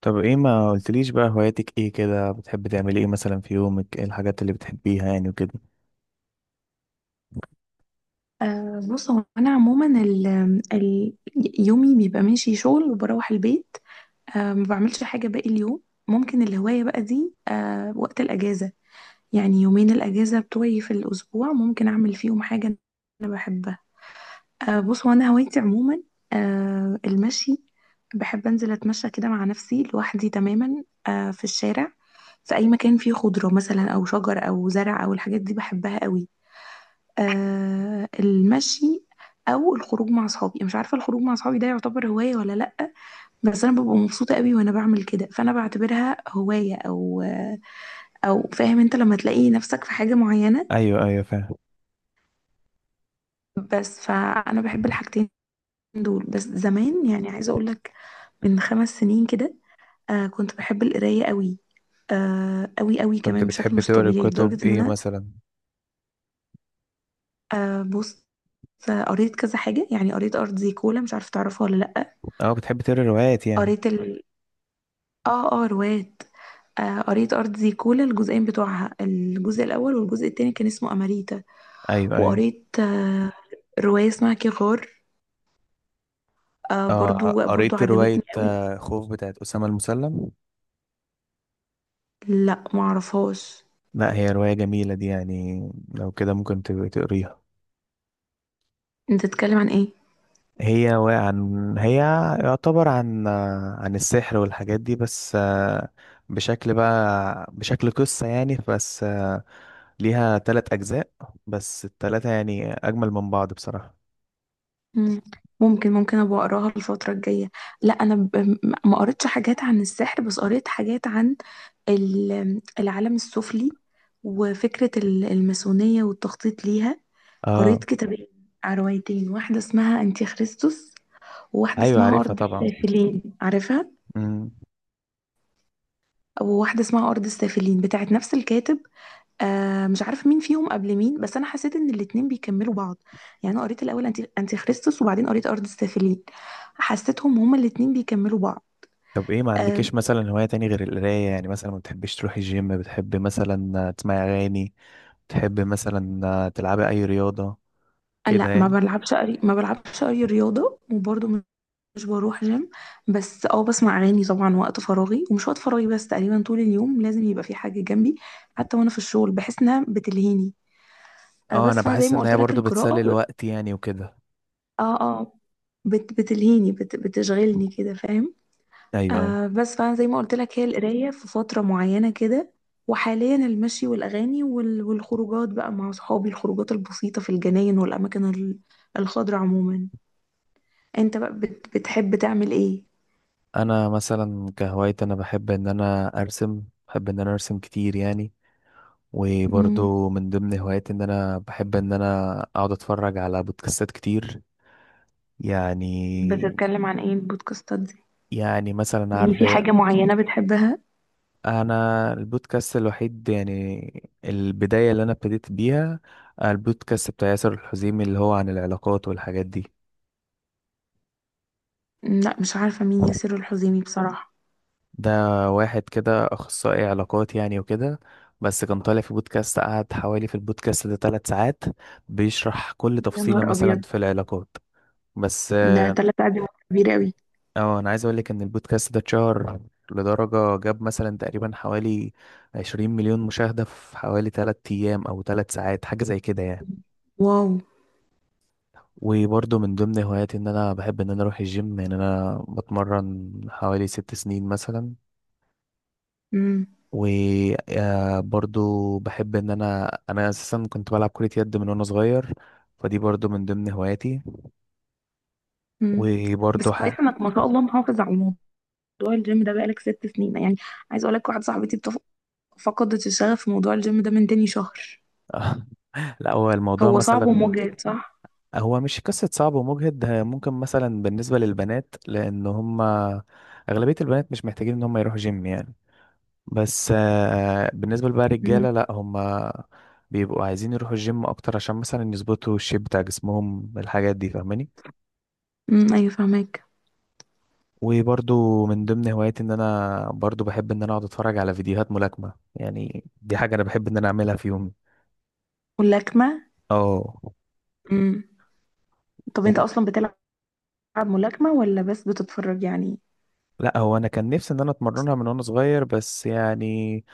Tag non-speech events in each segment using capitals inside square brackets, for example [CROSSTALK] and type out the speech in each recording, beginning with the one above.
طب ايه ما قلتليش بقى هواياتك ايه؟ كده بتحب تعملي ايه مثلا في يومك؟ ايه الحاجات اللي بتحبيها يعني وكده؟ بص، هو انا عموما ال ال يومي بيبقى ماشي شغل وبروح البيت. ما بعملش حاجه باقي اليوم. ممكن الهوايه بقى دي وقت الاجازه، يعني يومين الاجازه بتوعي في الاسبوع ممكن اعمل فيهم حاجه انا بحبها. بص، هو انا هوايتي عموما المشي. بحب انزل اتمشى كده مع نفسي لوحدي تماما، في الشارع، في اي مكان فيه خضره مثلا او شجر او زرع او الحاجات دي بحبها قوي. المشي، او الخروج مع اصحابي. مش عارفه الخروج مع اصحابي ده يعتبر هوايه ولا لا، بس انا ببقى مبسوطه قوي وانا بعمل كده، فانا بعتبرها هوايه، او فاهم انت لما تلاقي نفسك في حاجه معينه. ايوه، ايوه، فاهم. بس فانا بحب الحاجتين دول. بس زمان يعني، عايزه اقول لك، من 5 سنين كده كنت بحب القرايه قوي قوي قوي كنت كمان، بشكل بتحب مش تقري طبيعي، كتب لدرجه ان ايه انا... مثلا؟ بص. قريت كذا حاجه، يعني قريت ارض زي كولا، مش عارفه تعرفها ولا لا. اه، بتحب تقري روايات يعني؟ قريت اه روايات. قريت أرض زيكولا، الجزئين بتوعها: الجزء الأول، والجزء التاني كان اسمه أماريتا. ايوه، ايوه. وقريت رواية اسمها كيغار، برضو برضو قريت عجبتني رواية قوي. خوف بتاعت أسامة المسلم. لا معرفهاش، لا، هي رواية جميلة دي يعني، لو كده ممكن تبقى تقريها. انت تتكلم عن ايه؟ هي و- عن هي يعتبر عن السحر والحاجات دي، بس بشكل بقى بشكل قصة يعني، بس ليها 3 أجزاء، بس التلاتة يعني أجمل من بعض بصراحة. مم. ممكن ممكن ابقى اقراها الفترة الجاية. لا، انا ما قريتش حاجات عن السحر، بس قريت حاجات عن العالم السفلي، وفكرة الماسونية والتخطيط ليها. اه. قريت كتابين، روايتين: واحدة اسمها أنتي خريستوس، وواحدة أيوة، اسمها عارفها أرض طبعا. السافلين، عارفها. مم. وواحدة اسمها أرض السافلين بتاعت نفس الكاتب. آه مش عارفة مين فيهم قبل مين، بس أنا حسيت إن الاتنين بيكملوا بعض. يعني أنا قريت الأول أنتي خريستوس، وبعدين قريت أرض السافلين، حسيتهم هما الاتنين بيكملوا بعض. طب ايه ما آه عندكيش مثلا هواية تاني غير القراية يعني؟ مثلا ما بتحبيش تروحي الجيم؟ بتحبي مثلا تسمعي أغاني؟ تحب مثلا تلعبي اي رياضة كده لا، يعني؟ ما بلعبش أي رياضة. وبرضه مش بروح جيم، بس اه بسمع أغاني طبعا وقت فراغي ومش وقت فراغي. بس تقريبا طول اليوم لازم يبقى في حاجة جنبي، حتى وأنا في الشغل بحس إنها بتلهيني. اه، انا بس فانا زي بحس ما ان قلت هي لك برضو بتسلي القراءة. الوقت يعني وكده. اه اه، بتلهيني بتشغلني كده، فاهم؟ ايوه، ايوه. بس فانا زي ما قلت لك هي القرايه في فتره معينه كده، وحاليا المشي والاغاني والخروجات بقى مع اصحابي، الخروجات البسيطه في الجناين والاماكن الخضراء عموما. انت بقى بتحب تعمل ايه؟ انا مثلا كهوايتي انا بحب ان انا ارسم، بحب ان انا ارسم كتير يعني. مم. وبرضو من ضمن هواياتي ان انا بحب ان انا اقعد اتفرج على بودكاستات كتير يعني. بتتكلم عن ايه البودكاستات دي؟ يعني مثلا يعني عارف في حاجه ايه. معينه بتحبها؟ انا البودكاست الوحيد يعني البداية اللي انا ابتديت بيها، البودكاست بتاع ياسر الحزيمي اللي هو عن العلاقات والحاجات دي. مم، لا مش عارفه مين ياسر الحزيمي بصراحه. ده واحد كده اخصائي علاقات يعني وكده، بس كان طالع في بودكاست، قعد في البودكاست ده 3 ساعات بيشرح كل يا تفصيلة نهار مثلا ابيض، في العلاقات. بس ده تلات قاعدين كبير قوي. انا عايز اقول لك ان البودكاست ده اتشهر لدرجة جاب مثلا تقريبا حوالي 20 مليون مشاهدة في حوالي 3 ايام او 3 ساعات، حاجة زي كده يعني. واو. وبرضه من ضمن هواياتي ان انا بحب ان انا اروح الجيم يعني، انا بتمرن حوالي 6 سنين مثلا. مم. وبرضو بحب ان انا اساسا كنت بلعب كرة يد من وانا صغير، فدي برضو من ضمن هواياتي. مم. بس وبرضو كويس انك ما شاء الله محافظ على موضوع الجيم ده، بقالك 6 سنين يعني. عايز اقول لك واحده صاحبتي فقدت الشغف في موضوع الجيم ده من تاني شهر. [LAUGHS] لا هو الموضوع هو صعب مثلا، ومجهد، صح؟ هو مش قصة صعب ومجهد، ده ممكن مثلا بالنسبة للبنات لان هم اغلبية البنات مش محتاجين ان هم يروحوا جيم يعني. بس بالنسبة بقى امم. للرجالة لا، هم بيبقوا عايزين يروحوا الجيم اكتر عشان مثلا يظبطوا الشيب بتاع جسمهم، الحاجات دي فاهماني. امم، ايوه فهمك. وبرضو من ضمن هواياتي ان انا برضو بحب ان انا اقعد اتفرج على فيديوهات ملاكمة يعني، دي حاجة انا بحب ان انا اعملها في يومي. واللكمه. اه. امم. طب انت و- اصلا بتلعب ملاكمه ولا بس بتتفرج يعني؟ لا هو انا كان نفسي ان انا اتمرنها من وانا صغير، بس يعني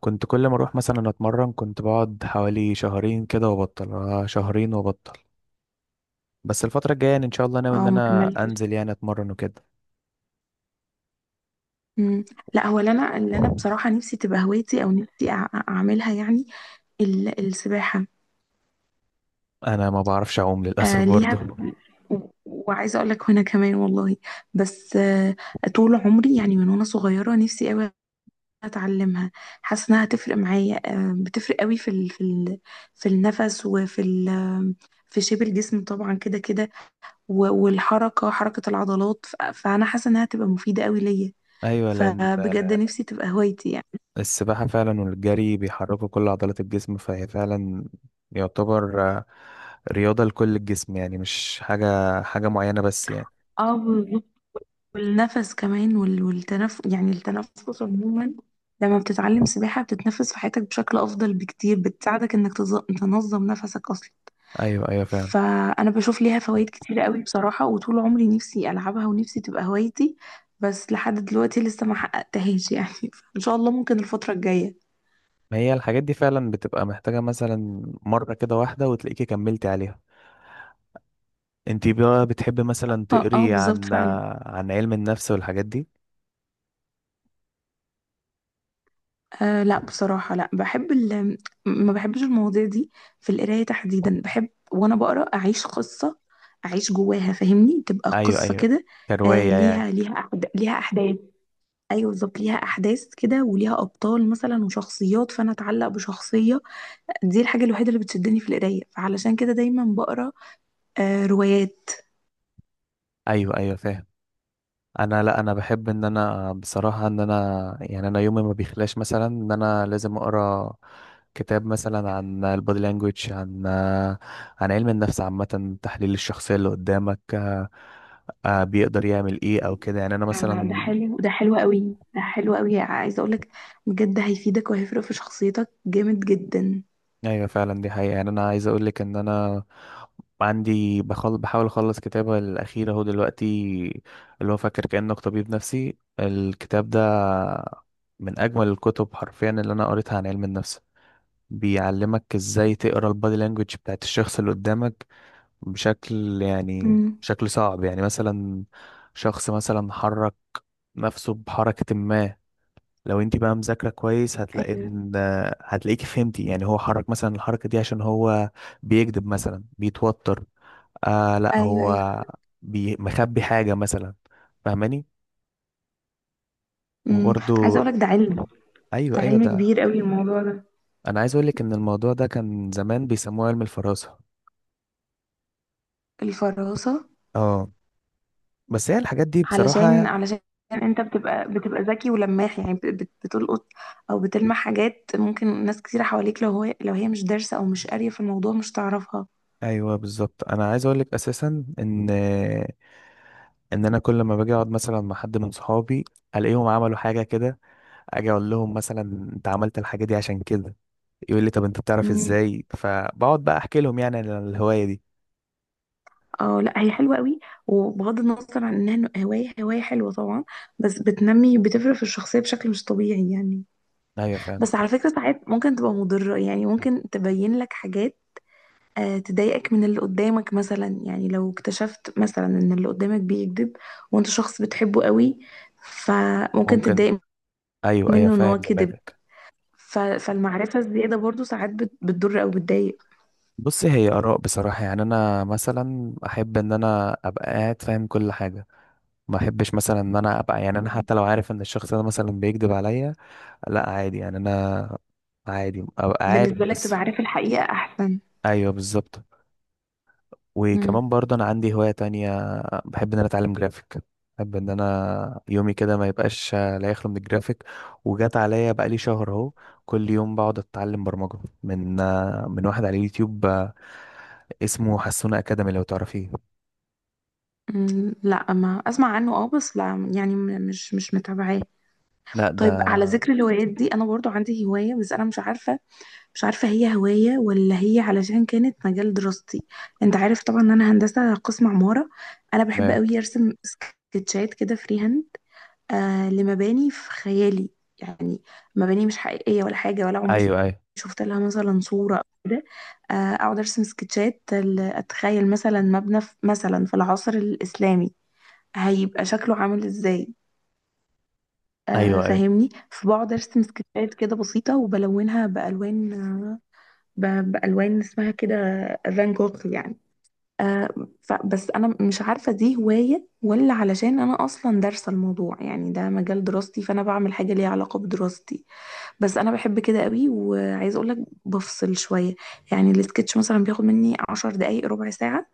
كنت كل ما اروح مثلا اتمرن كنت بقعد حوالي شهرين كده وابطل، شهرين وابطل. بس الفترة الجاية يعني ان شاء الله ناوي ان اه ما انا كملتش. انزل يعني اتمرن وكده. امم. لا هو اللي انا بصراحه نفسي تبقى هوايتي، او نفسي اعملها يعني، السباحه. انا ما بعرفش اعوم للاسف آه ليها، برضو. وعايزه اقول لك وانا كمان والله، بس آه طول عمري يعني من وانا صغيره نفسي قوي اتعلمها. حاسه انها هتفرق معايا، آه بتفرق قوي في النفس، وفي ال في شيب الجسم طبعا كده كده، والحركه، حركه العضلات، فانا حاسه انها هتبقى مفيده قوي ليا. [LAUGHS] ايوه، لان فبجد نفسي تبقى هوايتي يعني. السباحة فعلا والجري بيحركوا كل عضلات الجسم، فهي فعلا يعتبر رياضة لكل الجسم يعني، مش حاجة معينة بس يعني. اه، والنفس كمان والتنف يعني التنفس عموما. لما بتتعلم سباحة بتتنفس في حياتك بشكل أفضل بكتير، بتساعدك إنك تنظم نفسك أصلا. أيوة، أيوة، فعلا. فأنا بشوف ليها فوائد كتيرة قوي بصراحة، وطول عمري نفسي ألعبها ونفسي تبقى هوايتي، بس لحد دلوقتي لسه ما حققتهاش يعني. [LAUGHS] إن شاء الله ممكن الفترة الجاية. ما هي الحاجات دي فعلا بتبقى محتاجة مثلا مرة كده واحدة وتلاقيكي كملتي عليها. انتي بقى بتحبي مثلا اه اه، تقري بالظبط عن فعلا. عن علم النفس والحاجات دي؟ أه لا بصراحة، لا بحب ما بحبش المواضيع دي. في القراية تحديدا، بحب وأنا بقرأ أعيش قصة، أعيش جواها فاهمني، تبقى أيوة، قصة أيوة. كده. أه كرواية يعني؟ ليها، ليها أحداث. أيوة بالظبط، ليها أحداث كده، وليها أبطال مثلا، وشخصيات، فأنا أتعلق بشخصية. دي الحاجة الوحيدة اللي بتشدني في القراية، فعلشان كده دايما بقرأ أه روايات. أيوة، أيوة، فاهم. انا لا، انا بحب ان انا بصراحه ان انا يعني انا يومي ما بيخلاش مثلا ان انا لازم اقرا كتاب مثلا عن البودي لانجويج، عن علم النفس عامه، تحليل الشخصيه اللي قدامك بيقدر يعمل ايه او كده يعني انا ده مثلا. حلو ده حلو قوي ده حلو قوي عايزة أقولك بجد هيفيدك، وهيفرق في شخصيتك جامد جدا. ايوه فعلا، دي حقيقه يعني. انا عايز اقول لك ان انا عندي بحاول اخلص كتابه الاخير اهو دلوقتي، اللي هو فاكر كانك طبيب نفسي، الكتاب ده من اجمل الكتب حرفيا اللي انا قريتها عن علم النفس. بيعلمك ازاي تقرا البادي لانجوج بتاعت الشخص اللي قدامك بشكل يعني مم. بشكل صعب يعني. مثلا شخص مثلا حرك نفسه بحركة ما، لو انت بقى مذاكرة كويس هتلاقي ايوه ان هتلاقيكي فهمتي يعني هو حرك مثلا الحركة دي عشان هو بيكذب مثلا، بيتوتر. لا، ايوه ايوه. هو مخبي حاجة مثلا، فاهماني. امم. عايزه وبرضو. اقولك ده علم، ايوه، ده ايوه، علم كبير ده. قوي الموضوع ده. انا عايز اقولك ان الموضوع ده كان زمان بيسموه علم الفراسة. الفراسه. اه، بس هي الحاجات دي علشان بصراحة. علشان انت بتبقى ذكي ولماح يعني، بتلقط او بتلمح حاجات ممكن ناس كتير حواليك، لو هو لو هي مش دارسه او مش قاريه في الموضوع مش تعرفها. أيوة بالظبط، أنا عايز أقولك أساسا إن أنا كل ما باجي أقعد مثلا مع حد من صحابي ألاقيهم عملوا حاجة كده، أجي أقول لهم مثلا أنت عملت الحاجة دي عشان كده، يقول لي طب أنت بتعرف مم. إزاي، فبقعد بقى أحكي لهم يعني عن الهواية دي. اه لا هي حلوه قوي، وبغض النظر عن انها هوايه، هوايه حلوه طبعا، بس بتنمي، بتفرق في الشخصيه بشكل مش طبيعي يعني. أيوة فعلا. بس على فكره ساعات ممكن تبقى مضره، يعني ممكن تبين لك حاجات تضايقك من اللي قدامك مثلا. يعني لو اكتشفت مثلا ان اللي قدامك بيكذب وانت شخص بتحبه قوي، فممكن ممكن. تتضايق أيوة، أيوة، منه ان فاهم هو كذب. دماغك. فالمعرفة الزيادة برضو ساعات بتضر او بتضايق. بص، هي آراء بصراحة يعني. أنا مثلا أحب إن أنا أبقى قاعد فاهم كل حاجة، ما أحبش مثلا إن أنا أبقى يعني، أنا مم. حتى لو عارف إن الشخص ده مثلا بيكذب عليا، لا عادي يعني انا، عادي ابقى عارف بالنسبة لك بس. تبقى عارف الحقيقة احسن. ايوه بالظبط. مم. وكمان برضه انا عندي هواية تانية، بحب ان انا اتعلم جرافيك، بحب ان انا يومي كده ما يبقاش لا يخلو من الجرافيك. وجات عليا بقالي شهر اهو كل يوم بقعد اتعلم برمجة من واحد على اليوتيوب اسمه حسونة اكاديمي، لو تعرفيه. مم. لا ما اسمع عنه اه، بس لا يعني، مش متابعاه. لا ده. طيب على ذكر الهوايات دي، انا برضو عندي هواية، بس انا مش عارفة هي هواية ولا هي علشان كانت مجال دراستي. انت عارف طبعا ان انا هندسة قسم عمارة. انا بحب قوي ارسم سكتشات كده فري هاند، آه لمباني في خيالي يعني، مباني مش حقيقية ولا حاجة ولا عمري ايوه، ايوه. شفت لها مثلا صورة او كده. آه اقعد ارسم سكتشات اتخيل مثلا مبنى في مثلا في العصر الاسلامي هيبقى شكله عامل ازاي، آه ايوه، ايوه. فاهمني، فبقعد ارسم سكتشات كده بسيطة وبلونها بألوان، بألوان اسمها كده فان جوخ يعني. آه، بس أنا مش عارفة دي هواية ولا علشان أنا أصلا دارسة الموضوع، يعني ده مجال دراستي فأنا بعمل حاجة ليها علاقة بدراستي. بس أنا بحب كده قوي، وعايزة أقولك بفصل شوية. يعني السكتش مثلا بياخد مني 10 دقايق ربع ساعة،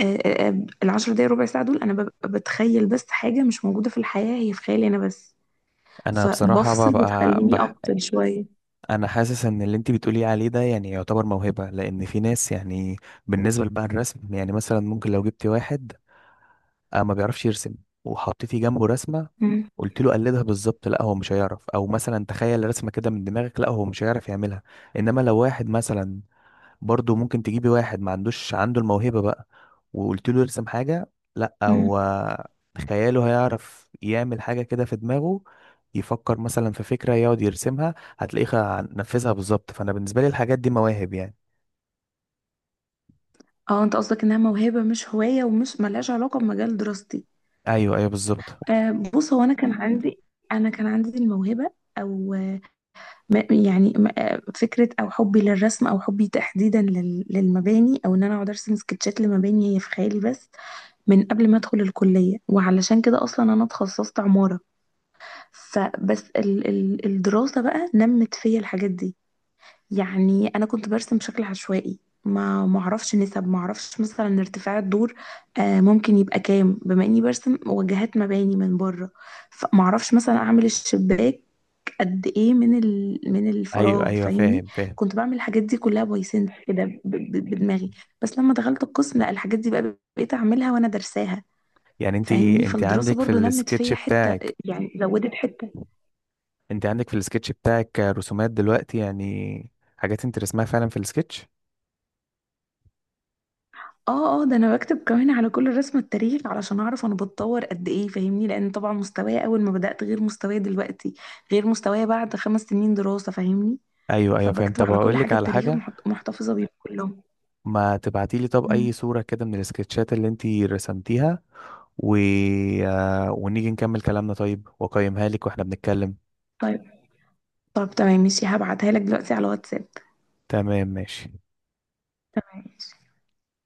الـ10 دقايق ربع ساعة دول أنا ببقى بتخيل بس حاجة مش موجودة في الحياة، هي في خيالي أنا بس، انا بصراحة فبفصل ببقى بتخليني أفصل شوية. انا حاسس ان اللي انت بتقولي عليه ده يعني يعتبر موهبة، لان في ناس يعني بالنسبة لبقى الرسم يعني، مثلا ممكن لو جبتي واحد ما بيعرفش يرسم وحطيتي جنبه رسمة مم. قلت له قلدها بالظبط، لا هو مش هيعرف. او مثلا تخيل رسمة كده من دماغك، لا هو مش هيعرف يعملها. انما لو واحد مثلا، برضه ممكن تجيبي واحد ما عندوش عنده الموهبة بقى وقلت له يرسم حاجة، لا مم. هو خياله هيعرف يعمل حاجة كده في دماغه، يفكر مثلا في فكرة يقعد يرسمها هتلاقيه نفذها بالظبط. فأنا بالنسبة لي الحاجات دي مواهب يعني. اه انت قصدك انها موهبة مش هواية ومش ملهاش علاقة بمجال دراستي. أيوه، أيوه، بالظبط. بص، هو انا كان عندي الموهبة، او فكرة او حبي للرسم، او حبي تحديدا للمباني، او ان انا اقعد ارسم سكتشات لمباني هي في خيالي بس، من قبل ما ادخل الكلية، وعلشان كده اصلا انا اتخصصت عمارة. فبس ال ال الدراسة بقى نمت فيا الحاجات دي. يعني انا كنت برسم بشكل عشوائي، ما معرفش نسب، معرفش مثلا ارتفاع الدور ممكن يبقى كام بما اني برسم وجهات مباني من بره، فمعرفش مثلا اعمل الشباك قد ايه من من أيوه، الفراغ أيوه، فاهمني. فاهم، فاهم. كنت بعمل الحاجات دي كلها باي سنس كده، بدماغي. بس لما دخلت القسم لا، الحاجات دي بقى بقيت اعملها وانا درساها يعني فاهمني. أنت فالدراسة عندك في برضو نمت السكتش فيا حتة، بتاعك يعني زودت حتة. أنت عندك في السكتش بتاعك رسومات دلوقتي يعني، حاجات أنت رسمها فعلا في السكتش. اه اه، ده انا بكتب كمان على كل رسمة التاريخ علشان اعرف انا بتطور قد ايه فاهمني، لان طبعا مستواي اول ما بدأت غير مستواي دلوقتي، غير مستواي بعد 5 سنين دراسة فاهمني. أيوه، أيوه، فاهم. فبكتب طب على كل هقول لك حاجة على التاريخ، حاجة، محتفظة بيهم كلهم. ما تبعتيلي طب مم. أي صورة كده من السكتشات اللي أنت رسمتيها و... ونيجي نكمل كلامنا طيب، وأقيمها لك واحنا بنتكلم. طيب. طب تمام ماشي، هبعتها لك دلوقتي على واتساب. تمام، ماشي. تمام ماشي.